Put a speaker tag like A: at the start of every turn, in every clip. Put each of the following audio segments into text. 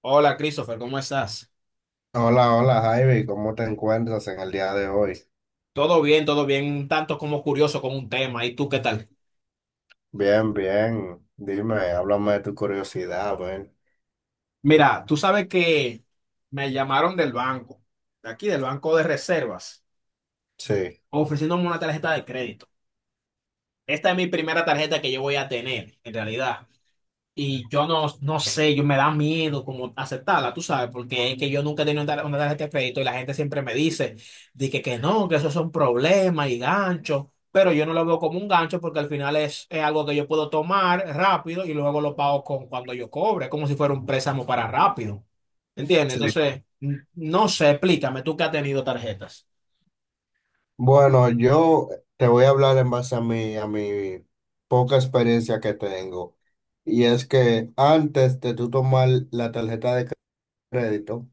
A: Hola, Christopher, ¿cómo estás?
B: Hola, hola Javi, ¿cómo te encuentras en el día de hoy?
A: Todo bien, un tanto como curioso con un tema. ¿Y tú qué tal?
B: Bien, bien. Dime, háblame de tu curiosidad, ven.
A: Mira, tú sabes que me llamaron del banco, de aquí del Banco de Reservas,
B: Sí,
A: ofreciéndome una tarjeta de crédito. Esta es mi primera tarjeta que yo voy a tener, en realidad. Y yo no sé, yo me da miedo como aceptarla, tú sabes, porque es que yo nunca he tenido una tarjeta de crédito y la gente siempre me dice, de que no, que eso son problemas y ganchos, pero yo no lo veo como un gancho porque al final es algo que yo puedo tomar rápido y luego lo pago con cuando yo cobre, como si fuera un préstamo para rápido. ¿Entiendes?
B: sí.
A: Entonces, no sé, explícame, tú que has tenido tarjetas.
B: Bueno, yo te voy a hablar en base a mi poca experiencia que tengo. Y es que antes de tú tomar la tarjeta de crédito,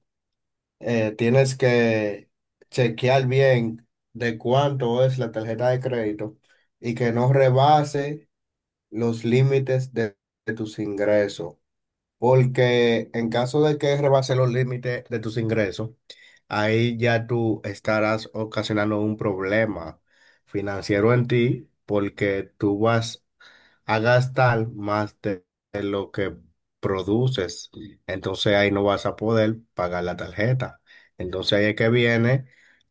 B: tienes que chequear bien de cuánto es la tarjeta de crédito y que no rebase los límites de tus ingresos. Porque en caso de que rebases los límites de tus ingresos, ahí ya tú estarás ocasionando un problema financiero en ti porque tú vas a gastar más de lo que produces. Entonces ahí no vas a poder pagar la tarjeta. Entonces ahí es que viene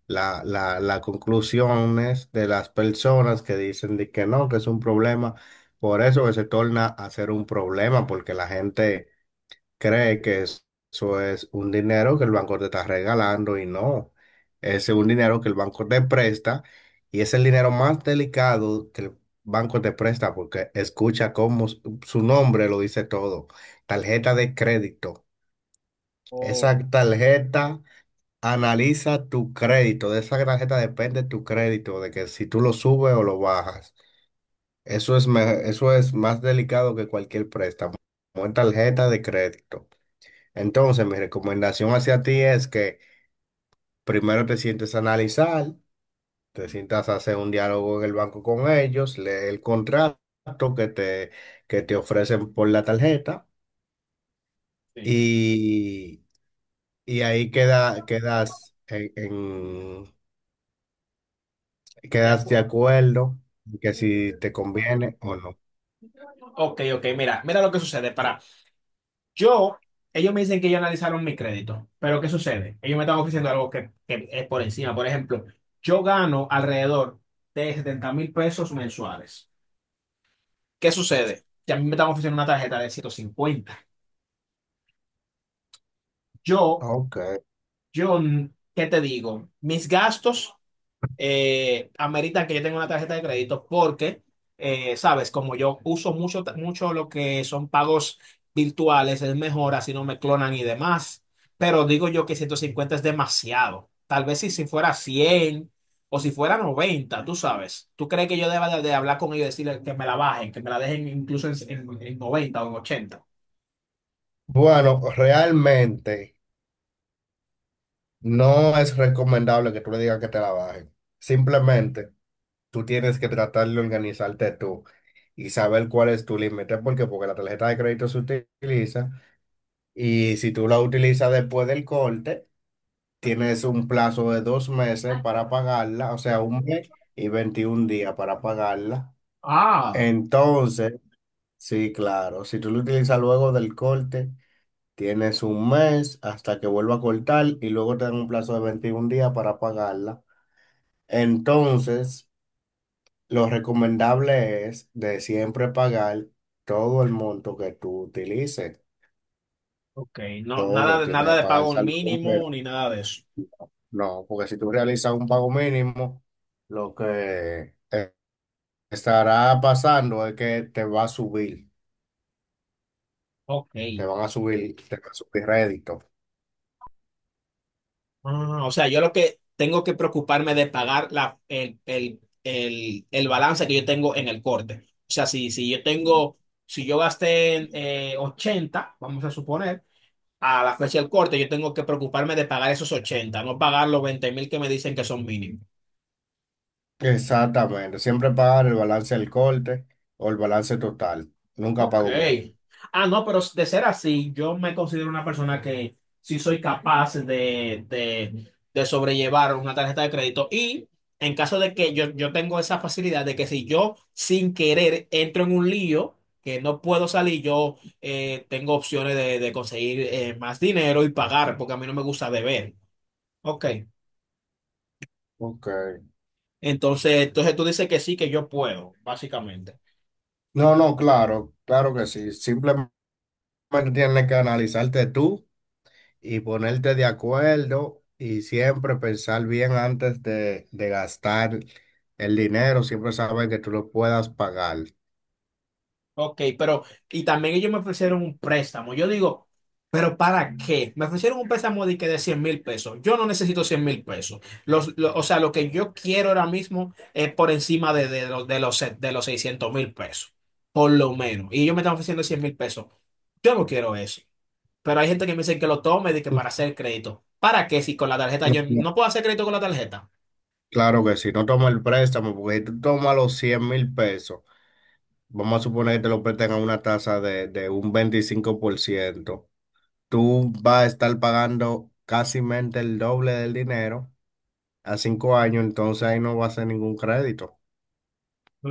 B: las conclusiones de las personas que dicen de que no, que es un problema. Por eso que se torna a ser un problema porque la gente cree que eso es un dinero que el banco te está regalando y no, es un dinero que el banco te presta y es el dinero más delicado que el banco te presta porque escucha cómo su nombre lo dice todo, tarjeta de crédito. Esa
A: Oh,
B: tarjeta analiza tu crédito, de esa tarjeta depende tu crédito, de que si tú lo subes o lo bajas. Eso es, eso es más delicado que cualquier préstamo, una tarjeta de crédito. Entonces, mi recomendación hacia ti es que primero te sientes a analizar, te sientas a hacer un diálogo en el banco con ellos, lee el contrato que te, que te ofrecen por la tarjeta
A: sí.
B: y, y ahí
A: De
B: quedas de
A: acuerdo.
B: acuerdo en que si te conviene o no.
A: Ok, ok, mira, mira lo que sucede. Yo, ellos me dicen que ya analizaron mi crédito, pero ¿qué sucede? Ellos me están ofreciendo algo que es por encima. Por ejemplo, yo gano alrededor de 70,000 pesos mensuales. ¿Qué sucede? Que a mí me están ofreciendo una tarjeta de 150. Yo,
B: Ok.
A: yo, ¿Qué te digo? Mis gastos ameritan que yo tenga una tarjeta de crédito porque, sabes, como yo uso mucho, mucho lo que son pagos virtuales, es mejor, así no me clonan y demás. Pero digo yo que 150 es demasiado. Tal vez si fuera 100 o si fuera 90, tú sabes. ¿Tú crees que yo deba de hablar con ellos y decirles que me la bajen, que me la dejen incluso en 90 o en 80?
B: Bueno, realmente no es recomendable que tú le digas que te la bajen. Simplemente, tú tienes que tratar de organizarte tú y saber cuál es tu límite, porque la tarjeta de crédito se utiliza y si tú la utilizas después del corte, tienes un plazo de 2 meses para pagarla, o sea, 1 mes y 21 días para pagarla.
A: Ah,
B: Entonces, sí, claro, si tú la utilizas luego del corte, tienes 1 mes hasta que vuelva a cortar y luego te dan un plazo de 21 días para pagarla. Entonces, lo recomendable es de siempre pagar todo el monto que tú utilices.
A: ok. No, nada
B: Todo
A: de,
B: tiene
A: nada
B: que
A: de
B: pagar el
A: pago
B: saldo
A: mínimo
B: completo.
A: ni nada de eso.
B: No, porque si tú realizas un pago mínimo, lo que estará pasando es que te va a subir,
A: Ok.
B: te van a subir, te va a subir rédito.
A: Ah, o sea, yo lo que tengo que preocuparme de pagar la, el balance que yo tengo en el corte. O sea, si yo tengo, si yo gasté 80, vamos a suponer, a la fecha del corte, yo tengo que preocuparme de pagar esos 80, no pagar los 20,000 que me dicen que son mínimos.
B: Exactamente, siempre pagar el balance del corte o el balance total, nunca
A: Ok.
B: pago mínimo.
A: Ah, no, pero de ser así, yo me considero una persona que sí soy capaz de sobrellevar una tarjeta de crédito. Y en caso de que yo tengo esa facilidad de que si yo sin querer entro en un lío, que no puedo salir, yo tengo opciones de conseguir más dinero y pagar, porque a mí no me gusta deber. Ok.
B: Ok.
A: Entonces, tú dices que sí, que yo puedo, básicamente.
B: No, no, claro, claro que sí. Simplemente tienes que analizarte tú y ponerte de acuerdo y siempre pensar bien antes de gastar el dinero, siempre saber que tú lo puedas pagar.
A: Ok, pero, y también ellos me ofrecieron un préstamo. Yo digo, ¿pero para qué? Me ofrecieron un préstamo de que de 100,000 pesos. Yo no necesito 100,000 pesos. O sea, lo que yo quiero ahora mismo es por encima de los 600,000 pesos, por lo menos. Y ellos me están ofreciendo 100,000 pesos. Yo no quiero eso. Pero hay gente que me dice que lo tome de que
B: Tú-
A: para hacer crédito. ¿Para qué? Si con la tarjeta
B: no,
A: yo
B: no,
A: no puedo hacer crédito con la tarjeta.
B: claro que sí, no toma el préstamo, porque si tú tomas los 100.000 pesos, vamos a suponer que te lo prestan a una tasa de un 25%, tú vas a estar pagando casi el doble del dinero a 5 años, entonces ahí no va a ser ningún crédito.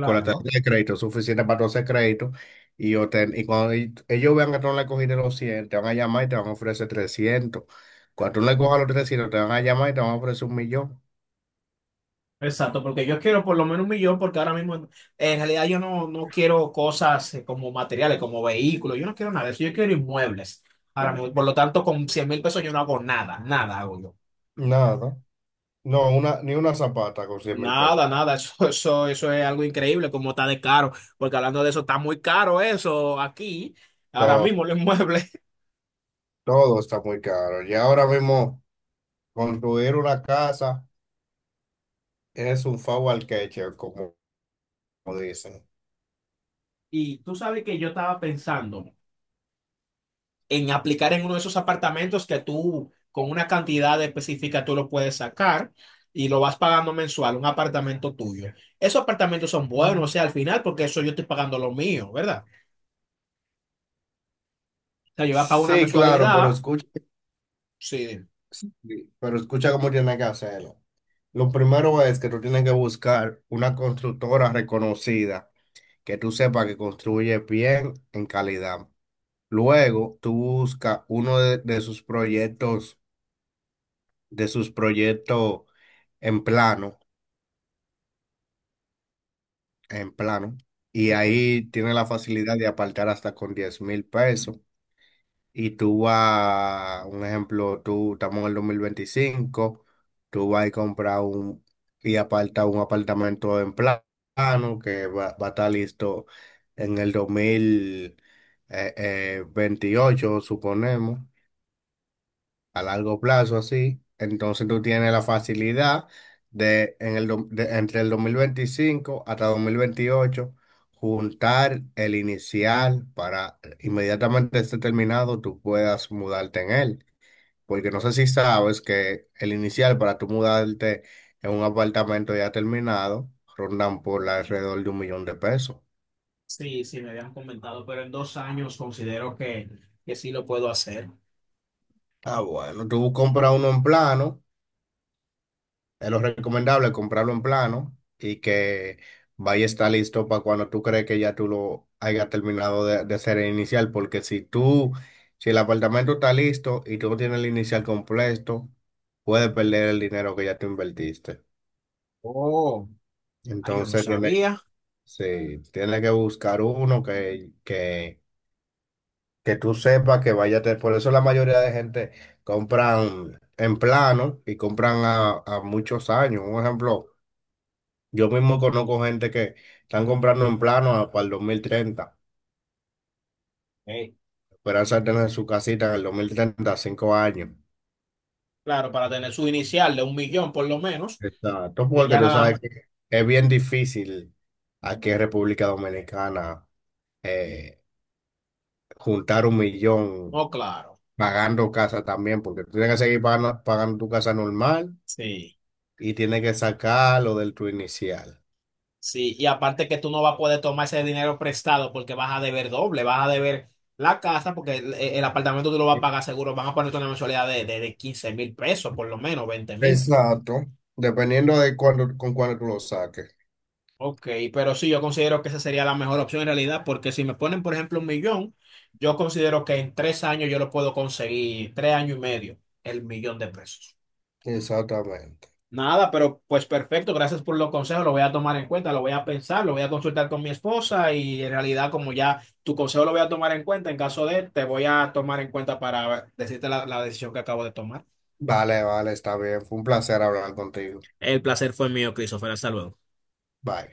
B: Con la tarjeta de crédito suficiente para 12 créditos, y cuando ellos vean que tú no le cogiste los 100 te van a llamar y te van a ofrecer trescientos. Cuando tú no le cojas los 300 te van a llamar y te van a ofrecer un millón.
A: Exacto, porque yo quiero por lo menos un millón, porque ahora mismo en realidad yo no quiero cosas como materiales, como vehículos, yo no quiero nada de eso, yo quiero inmuebles. Ahora mismo, por lo tanto, con 100,000 pesos yo no hago nada, nada hago yo.
B: Nada, no, ni una zapata con 100.000 pesos.
A: Nada, nada, eso es algo increíble, como está de caro, porque hablando de eso, está muy caro eso aquí, ahora
B: Todo,
A: mismo los inmuebles.
B: todo está muy caro. Y ahora mismo, construir una casa es un favor al queche, como, como dicen.
A: Y tú sabes que yo estaba pensando en aplicar en uno de esos apartamentos que tú con una cantidad específica tú lo puedes sacar y lo vas pagando mensual, un apartamento tuyo. Esos apartamentos son buenos, o
B: Mm.
A: sea, al final, porque eso yo estoy pagando lo mío, ¿verdad? O sea, yo voy a pagar una
B: Sí, claro, pero
A: mensualidad,
B: escucha.
A: sí.
B: Sí, pero escucha cómo tiene que hacerlo. Lo primero es que tú tienes que buscar una constructora reconocida que tú sepas que construye bien en calidad. Luego, tú buscas uno de sus proyectos, de sus proyectos, en plano, en plano, y
A: Ok.
B: ahí tiene la facilidad de apartar hasta con 10.000 pesos. Y tú vas, un ejemplo, tú estamos en el 2025, tú vas a comprar un y aparta un apartamento en plano que va a estar listo en el dos mil veintiocho, suponemos, a largo plazo, así. Entonces tú tienes la facilidad de entre el 2025 hasta 2028 juntar el inicial para inmediatamente esté terminado tú puedas mudarte en él. Porque no sé si sabes que el inicial para tú mudarte en un apartamento ya terminado rondan por alrededor de un millón de pesos.
A: Sí, sí, me habían comentado, pero en 2 años considero que, sí lo puedo hacer.
B: Ah, bueno, tú compras uno en plano. Es lo recomendable comprarlo en plano y que vaya a estar listo para cuando tú crees que ya tú lo hayas terminado de hacer el inicial, porque si tú, si el apartamento está listo y tú no tienes el inicial completo, puedes perder el dinero que ya tú invertiste.
A: Oh. Ay, yo no
B: Entonces tienes,
A: sabía.
B: sí, tienes que buscar uno que tú sepas que vaya a tener. Por eso la mayoría de gente compran en plano y compran a muchos años. Un ejemplo. Yo mismo conozco gente que están comprando en plano para el 2030.
A: Ey.
B: Esperanza de tener su casita en el 2030, 5 años.
A: Claro, para tener su inicial de un millón por lo menos.
B: Exacto,
A: Y
B: porque
A: ya
B: tú
A: nada.
B: sabes que es bien difícil aquí en República Dominicana eh, juntar un millón
A: No, claro.
B: pagando casa también, porque tú tienes que seguir pagando, pagando tu casa normal
A: Sí.
B: y tienes que sacar lo del tu inicial.
A: Sí, y aparte que tú no vas a poder tomar ese dinero prestado porque vas a deber doble, vas a deber la casa porque el apartamento tú lo vas a pagar seguro, van a ponerte una mensualidad de 15 mil pesos, por lo menos 20,000.
B: Exacto, dependiendo de cuándo, con cuándo tú lo saques.
A: Ok, pero sí, yo considero que esa sería la mejor opción en realidad porque si me ponen, por ejemplo, un millón, yo considero que en 3 años yo lo puedo conseguir, 3 años y medio, el millón de pesos.
B: Exactamente.
A: Nada, pero pues perfecto, gracias por los consejos, lo voy a tomar en cuenta, lo voy a pensar, lo voy a consultar con mi esposa y en realidad como ya tu consejo lo voy a tomar en cuenta, en caso de, te voy a tomar en cuenta para decirte la decisión que acabo de tomar.
B: Vale, vale, está bien. Fue un placer hablar contigo.
A: El placer fue mío, Christopher, hasta luego.
B: Bye.